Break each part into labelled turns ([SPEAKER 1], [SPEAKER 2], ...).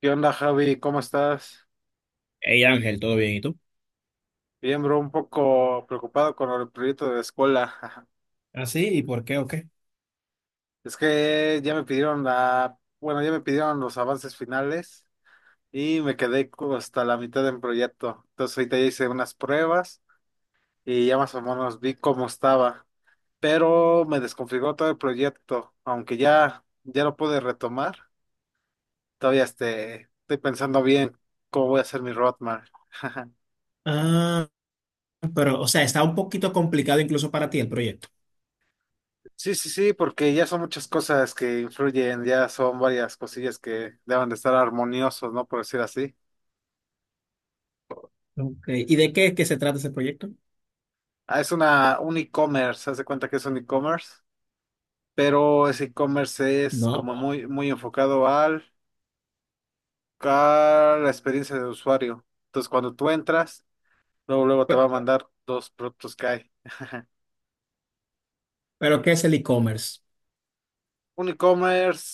[SPEAKER 1] ¿Qué onda, Javi? ¿Cómo estás?
[SPEAKER 2] Hey Ángel, ¿todo bien? ¿Y tú?
[SPEAKER 1] Bien, bro, un poco preocupado con el proyecto de la escuela.
[SPEAKER 2] ¿Ah, sí? ¿Y por qué o qué?
[SPEAKER 1] Es que ya me pidieron ya me pidieron los avances finales y me quedé como hasta la mitad del proyecto. Entonces ahorita ya hice unas pruebas y ya más o menos vi cómo estaba, pero me desconfiguró todo el proyecto, aunque ya lo pude retomar. Todavía estoy pensando bien cómo voy a hacer mi roadmap.
[SPEAKER 2] Ah, pero, o sea, está un poquito complicado incluso para ti el proyecto.
[SPEAKER 1] Sí, sí, sí, porque ya son muchas cosas que influyen, ya son varias cosillas que deben de estar armoniosos, ¿no? Por decir así.
[SPEAKER 2] Ok. ¿Y de
[SPEAKER 1] Sí.
[SPEAKER 2] qué es que se trata ese proyecto?
[SPEAKER 1] Ah, es un e-commerce, haz de cuenta que es un e-commerce, pero ese e-commerce es
[SPEAKER 2] No.
[SPEAKER 1] como muy, muy enfocado al, a la experiencia del usuario. Entonces, cuando tú entras, luego, luego te
[SPEAKER 2] Pe-
[SPEAKER 1] va a mandar dos productos que hay.
[SPEAKER 2] ¿Pero qué es el e-commerce?
[SPEAKER 1] Un e-commerce,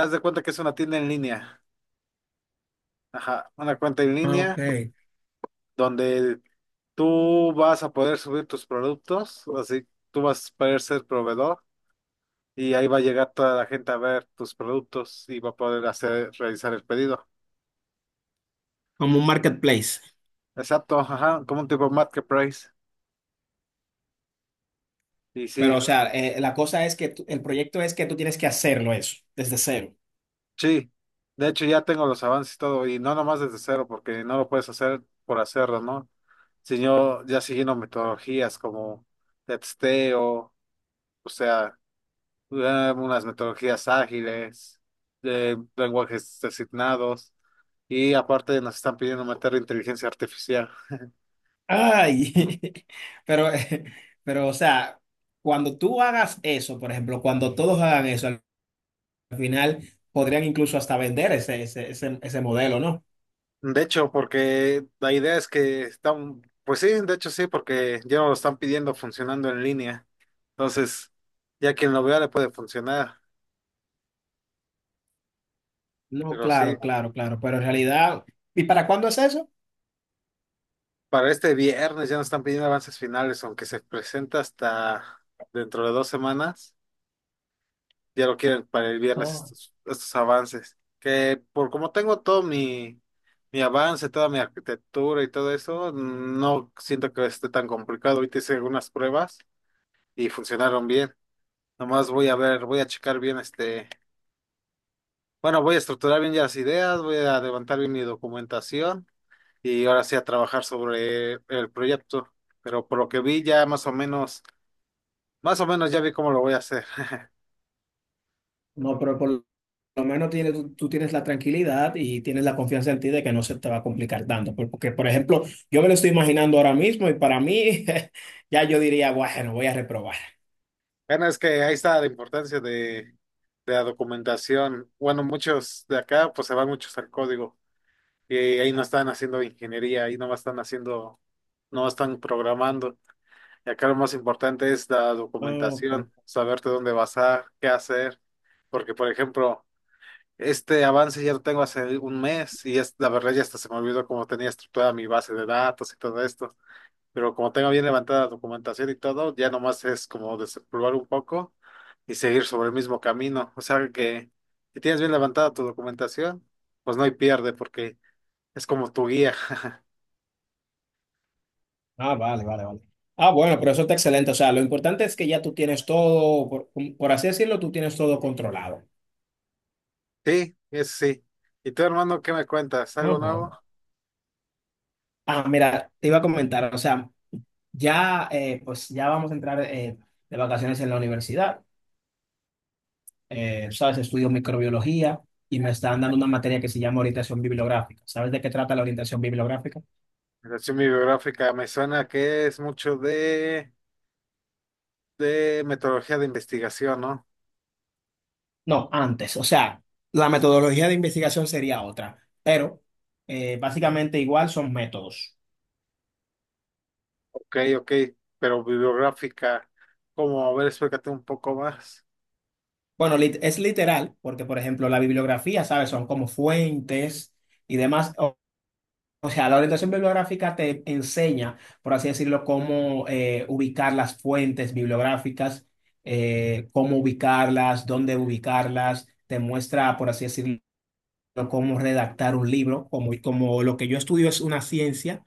[SPEAKER 1] haz de cuenta que es una tienda en línea. Ajá, una cuenta en
[SPEAKER 2] Ah, ok.
[SPEAKER 1] línea donde tú vas a poder subir tus productos, así tú vas a poder ser proveedor y ahí va a llegar toda la gente a ver tus productos y va a poder hacer, realizar el pedido.
[SPEAKER 2] Como un marketplace.
[SPEAKER 1] Exacto, ajá, como un tipo marketplace. Y
[SPEAKER 2] Pero,
[SPEAKER 1] sí,
[SPEAKER 2] o sea, la cosa es que el proyecto es que tú tienes que hacerlo eso, desde cero.
[SPEAKER 1] sí, de hecho ya tengo los avances y todo, y no nomás desde cero, porque no lo puedes hacer por hacerlo, ¿no? Sino ya siguiendo metodologías como de testeo, o sea. Unas metodologías ágiles, lenguajes designados y aparte nos están pidiendo meter inteligencia artificial.
[SPEAKER 2] Ay, pero, eh, pero, o sea, cuando tú hagas eso, por ejemplo, cuando todos hagan eso, al final podrían incluso hasta vender ese modelo, ¿no?
[SPEAKER 1] De hecho, porque la idea es que están, pues sí, de hecho sí, porque ya no lo están pidiendo funcionando en línea. Entonces, ya quien lo vea le puede funcionar,
[SPEAKER 2] No,
[SPEAKER 1] pero sí,
[SPEAKER 2] claro, claro, claro, pero en realidad, ¿y para cuándo es eso?
[SPEAKER 1] para este viernes ya nos están pidiendo avances finales, aunque se presenta hasta dentro de 2 semanas. Ya lo quieren para el viernes
[SPEAKER 2] No,
[SPEAKER 1] estos avances. Que por como tengo todo mi avance, toda mi arquitectura y todo eso, no siento que esté tan complicado. Ahorita hice algunas pruebas y funcionaron bien. Nomás voy a ver, voy a checar bien bueno, voy a estructurar bien ya las ideas, voy a levantar bien mi documentación y ahora sí a trabajar sobre el proyecto. Pero por lo que vi ya más o menos, ya vi cómo lo voy a hacer.
[SPEAKER 2] no, pero por lo menos tienes, tú tienes la tranquilidad y tienes la confianza en ti de que no se te va a complicar tanto, porque, por ejemplo, yo me lo estoy imaginando ahora mismo y para mí ya yo diría, bueno, voy a reprobar.
[SPEAKER 1] Bueno, es que ahí está la importancia de la documentación. Bueno, muchos de acá pues se van muchos al código y ahí no están haciendo ingeniería, ahí no están haciendo, no están programando. Y acá lo más importante es la
[SPEAKER 2] Ok.
[SPEAKER 1] documentación, saberte dónde basar, qué hacer, porque por ejemplo, este avance ya lo tengo hace un mes y es, la verdad ya hasta se me olvidó cómo tenía estructurada mi base de datos y todo esto, pero como tengo bien levantada la documentación y todo, ya nomás es como desempolvar un poco y seguir sobre el mismo camino. O sea que si tienes bien levantada tu documentación, pues no hay pierde porque es como tu guía.
[SPEAKER 2] Ah, vale, vale, vale. Ah, bueno, pero eso está excelente, o sea, lo importante es que ya tú tienes todo, por así decirlo, tú tienes todo controlado.
[SPEAKER 1] Sí, es sí. ¿Y tú, hermano, qué me cuentas?
[SPEAKER 2] Ah,
[SPEAKER 1] ¿Algo nuevo?
[SPEAKER 2] bueno. Ah, mira, te iba a comentar, o sea, ya, pues ya vamos a entrar de vacaciones en la universidad. Sabes, estudio microbiología y me están dando una materia que se llama orientación bibliográfica. ¿Sabes de qué trata la orientación bibliográfica?
[SPEAKER 1] La relación bibliográfica me suena que es mucho de metodología de investigación, ¿no?
[SPEAKER 2] No, antes. O sea, la metodología de investigación sería otra, pero básicamente igual son métodos.
[SPEAKER 1] Ok, ok, pero bibliográfica, ¿cómo? A ver, explícate un poco más.
[SPEAKER 2] Bueno, es literal, porque por ejemplo la bibliografía, ¿sabes? Son como fuentes y demás. O sea, la orientación bibliográfica te enseña, por así decirlo, cómo ubicar las fuentes bibliográficas, cómo ubicarlas, dónde ubicarlas. Te muestra, por así decirlo, cómo redactar un libro. Como, como lo que yo estudio es una ciencia,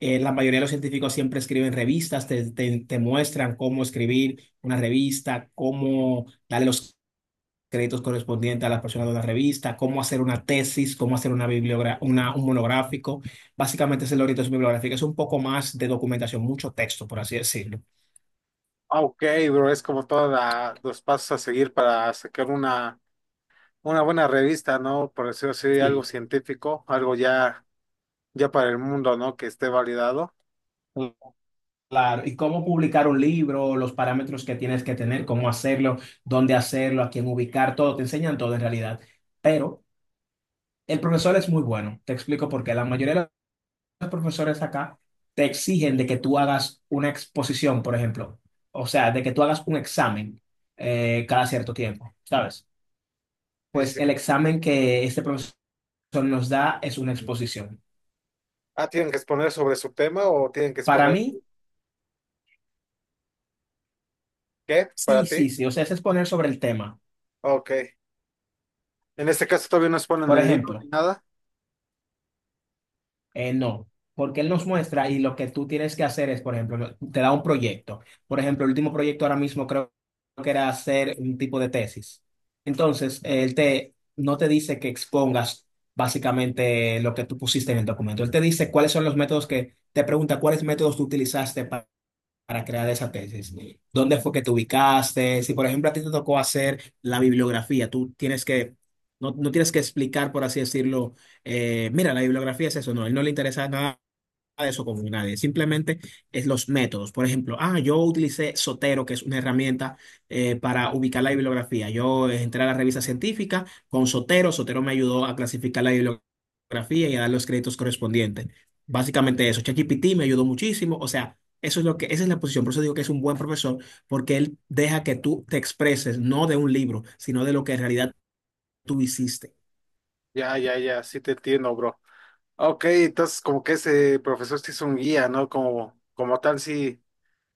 [SPEAKER 2] la mayoría de los científicos siempre escriben revistas, te muestran cómo escribir una revista, cómo darle los créditos correspondientes a las personas de la revista, cómo hacer una tesis, cómo hacer una, un monográfico. Básicamente es la orientación bibliográfica, es un poco más de documentación, mucho texto, por así decirlo.
[SPEAKER 1] Ah, ok, bro, es como todos los pasos a seguir para sacar una buena revista, ¿no? Por decirlo así, algo
[SPEAKER 2] Sí.
[SPEAKER 1] científico, algo ya, ya para el mundo, ¿no? Que esté validado.
[SPEAKER 2] Claro, y cómo publicar un libro, los parámetros que tienes que tener, cómo hacerlo, dónde hacerlo, a quién ubicar, todo, te enseñan todo en realidad. Pero el profesor es muy bueno, te explico por qué. La mayoría de los profesores acá te exigen de que tú hagas una exposición, por ejemplo, o sea, de que tú hagas un examen cada cierto tiempo, ¿sabes?
[SPEAKER 1] Sí,
[SPEAKER 2] Pues
[SPEAKER 1] sí, sí.
[SPEAKER 2] el examen que este profesor nos da es una exposición.
[SPEAKER 1] Ah, ¿tienen que exponer sobre su tema o tienen que
[SPEAKER 2] Para
[SPEAKER 1] exponer
[SPEAKER 2] mí,
[SPEAKER 1] qué para
[SPEAKER 2] sí,
[SPEAKER 1] ti?
[SPEAKER 2] sí, sí, o sea, es exponer sobre el tema.
[SPEAKER 1] Ok. En este caso todavía no exponen
[SPEAKER 2] Por
[SPEAKER 1] el libro ni
[SPEAKER 2] ejemplo,
[SPEAKER 1] nada.
[SPEAKER 2] eh, no, porque él nos muestra y lo que tú tienes que hacer es, por ejemplo, te da un proyecto. Por ejemplo, el último proyecto ahora mismo creo que era hacer un tipo de tesis. Entonces, él te, no te dice que expongas básicamente lo que tú pusiste en el documento. Él te dice cuáles son los métodos que, te pregunta cuáles métodos tú utilizaste para crear esa tesis. ¿Dónde fue que te ubicaste? Si, por ejemplo, a ti te tocó hacer la bibliografía, tú tienes que, no, no tienes que explicar, por así decirlo, mira, la bibliografía es eso, no, a él no le interesa nada de eso con nadie, simplemente es los métodos. Por ejemplo, ah, yo utilicé Sotero, que es una herramienta para ubicar la bibliografía. Yo entré a la revista científica con Sotero, Sotero me ayudó a clasificar la bibliografía y a dar los créditos correspondientes. Básicamente eso. ChatGPT me ayudó muchísimo, o sea, eso es lo que, esa es la posición. Por eso digo que es un buen profesor, porque él deja que tú te expreses, no de un libro, sino de lo que en realidad tú hiciste.
[SPEAKER 1] Ya, ya, ya, sí te entiendo, bro. Ok, entonces como que ese profesor sí es un guía, ¿no? Como, como tal, sí.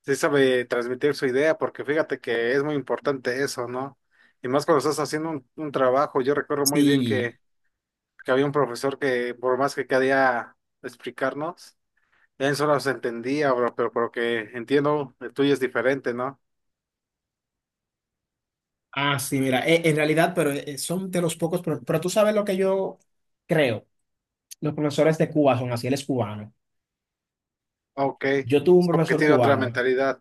[SPEAKER 1] Sí sabe transmitir su idea, porque fíjate que es muy importante eso, ¿no? Y más cuando estás haciendo un trabajo, yo recuerdo muy bien
[SPEAKER 2] Sí.
[SPEAKER 1] que había un profesor que por más que quería explicarnos, él solo se entendía, bro, pero por lo que entiendo, el tuyo es diferente, ¿no?
[SPEAKER 2] Ah, sí, mira, en realidad, pero son de los pocos, pero, tú sabes lo que yo creo, los profesores de Cuba son así, él es cubano.
[SPEAKER 1] Ok,
[SPEAKER 2] Yo tuve un
[SPEAKER 1] es como que
[SPEAKER 2] profesor
[SPEAKER 1] tiene otra
[SPEAKER 2] cubano,
[SPEAKER 1] mentalidad.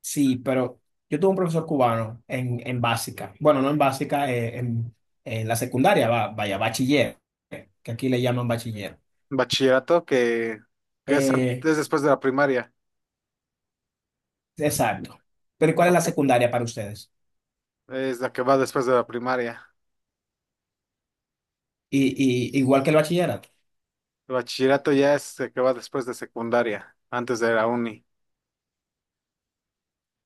[SPEAKER 2] sí, pero yo tuve un profesor cubano en básica, bueno, no en básica, en la secundaria, vaya, bachiller, que aquí le llaman bachiller.
[SPEAKER 1] Bachillerato que es,
[SPEAKER 2] Eh,
[SPEAKER 1] es después de la primaria,
[SPEAKER 2] exacto. Pero ¿cuál es la
[SPEAKER 1] ok,
[SPEAKER 2] secundaria para ustedes?
[SPEAKER 1] es la que va después de la primaria.
[SPEAKER 2] Y, igual que el bachillerato.
[SPEAKER 1] El bachillerato ya es el que va después de secundaria, antes de la uni.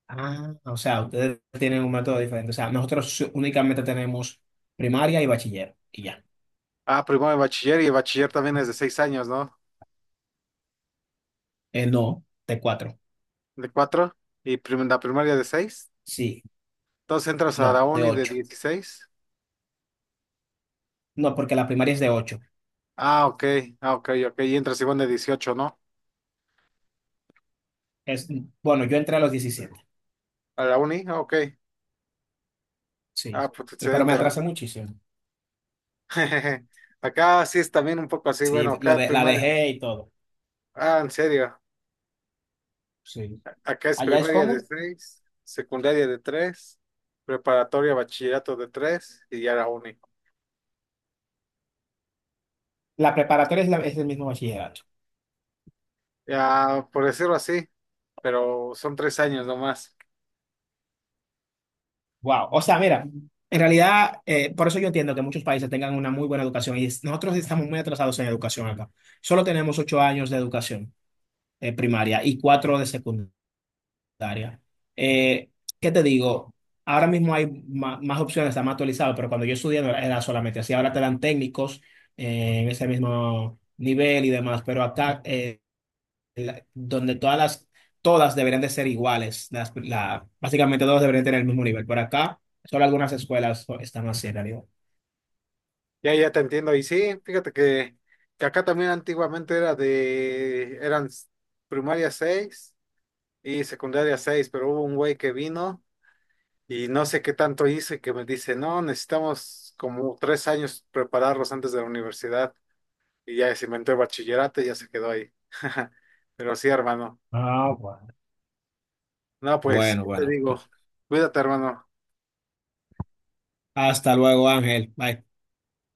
[SPEAKER 2] Ah, o sea, ustedes tienen un método diferente, o sea, nosotros únicamente tenemos primaria y bachiller. Y ya.
[SPEAKER 1] Ah, primero de bachiller y bachiller también es de 6 años, ¿no?
[SPEAKER 2] No, de cuatro.
[SPEAKER 1] De cuatro y la primaria de seis.
[SPEAKER 2] Sí,
[SPEAKER 1] Entonces entras a la
[SPEAKER 2] no, de
[SPEAKER 1] uni de
[SPEAKER 2] ocho.
[SPEAKER 1] 16.
[SPEAKER 2] No, porque la primaria es de ocho.
[SPEAKER 1] Ah, ok, ah, ok, ok. Y entras igual de 18, ¿no?
[SPEAKER 2] Es, bueno, yo entré a los 17.
[SPEAKER 1] A la uni, ah, ok.
[SPEAKER 2] Sí.
[SPEAKER 1] Ah, pues
[SPEAKER 2] Pero me
[SPEAKER 1] excelente, hermano.
[SPEAKER 2] atrasé muchísimo.
[SPEAKER 1] Acá sí es también un poco así, bueno,
[SPEAKER 2] Sí, lo
[SPEAKER 1] acá
[SPEAKER 2] de, la
[SPEAKER 1] primaria.
[SPEAKER 2] dejé y todo.
[SPEAKER 1] Ah, en serio.
[SPEAKER 2] Sí.
[SPEAKER 1] Acá es
[SPEAKER 2] Allá es
[SPEAKER 1] primaria de
[SPEAKER 2] como,
[SPEAKER 1] seis, secundaria de tres, preparatoria, bachillerato de tres y ya la uni.
[SPEAKER 2] la preparatoria es, es el mismo bachillerato.
[SPEAKER 1] Ya, por decirlo así, pero son 3 años nomás.
[SPEAKER 2] Wow. O sea, mira, en realidad, por eso yo entiendo que muchos países tengan una muy buena educación y nosotros estamos muy atrasados en educación acá. Solo tenemos ocho años de educación primaria y cuatro de secundaria. Área. Eh, ¿Qué te digo? Ahora mismo hay más, opciones, está más actualizado, pero cuando yo estudié no era solamente así. Ahora te dan técnicos en ese mismo nivel y demás, pero acá, donde todas las, todas deberían de ser iguales, las, la, básicamente todas deberían tener el mismo nivel. Por acá, solo algunas escuelas están así en realidad.
[SPEAKER 1] Ya, ya te entiendo. Y sí, fíjate que acá también antiguamente era de, eran s- primaria 6 y secundaria seis, pero hubo un güey que vino y no sé qué tanto hizo y que me dice, no, necesitamos como 3 años prepararlos antes de la universidad. Y ya se inventó el bachillerato y ya se quedó ahí. Pero sí, hermano.
[SPEAKER 2] Ah, bueno.
[SPEAKER 1] No, pues,
[SPEAKER 2] Bueno,
[SPEAKER 1] ¿qué te
[SPEAKER 2] bueno.
[SPEAKER 1] digo? Cuídate, hermano.
[SPEAKER 2] Hasta luego, Ángel. Bye.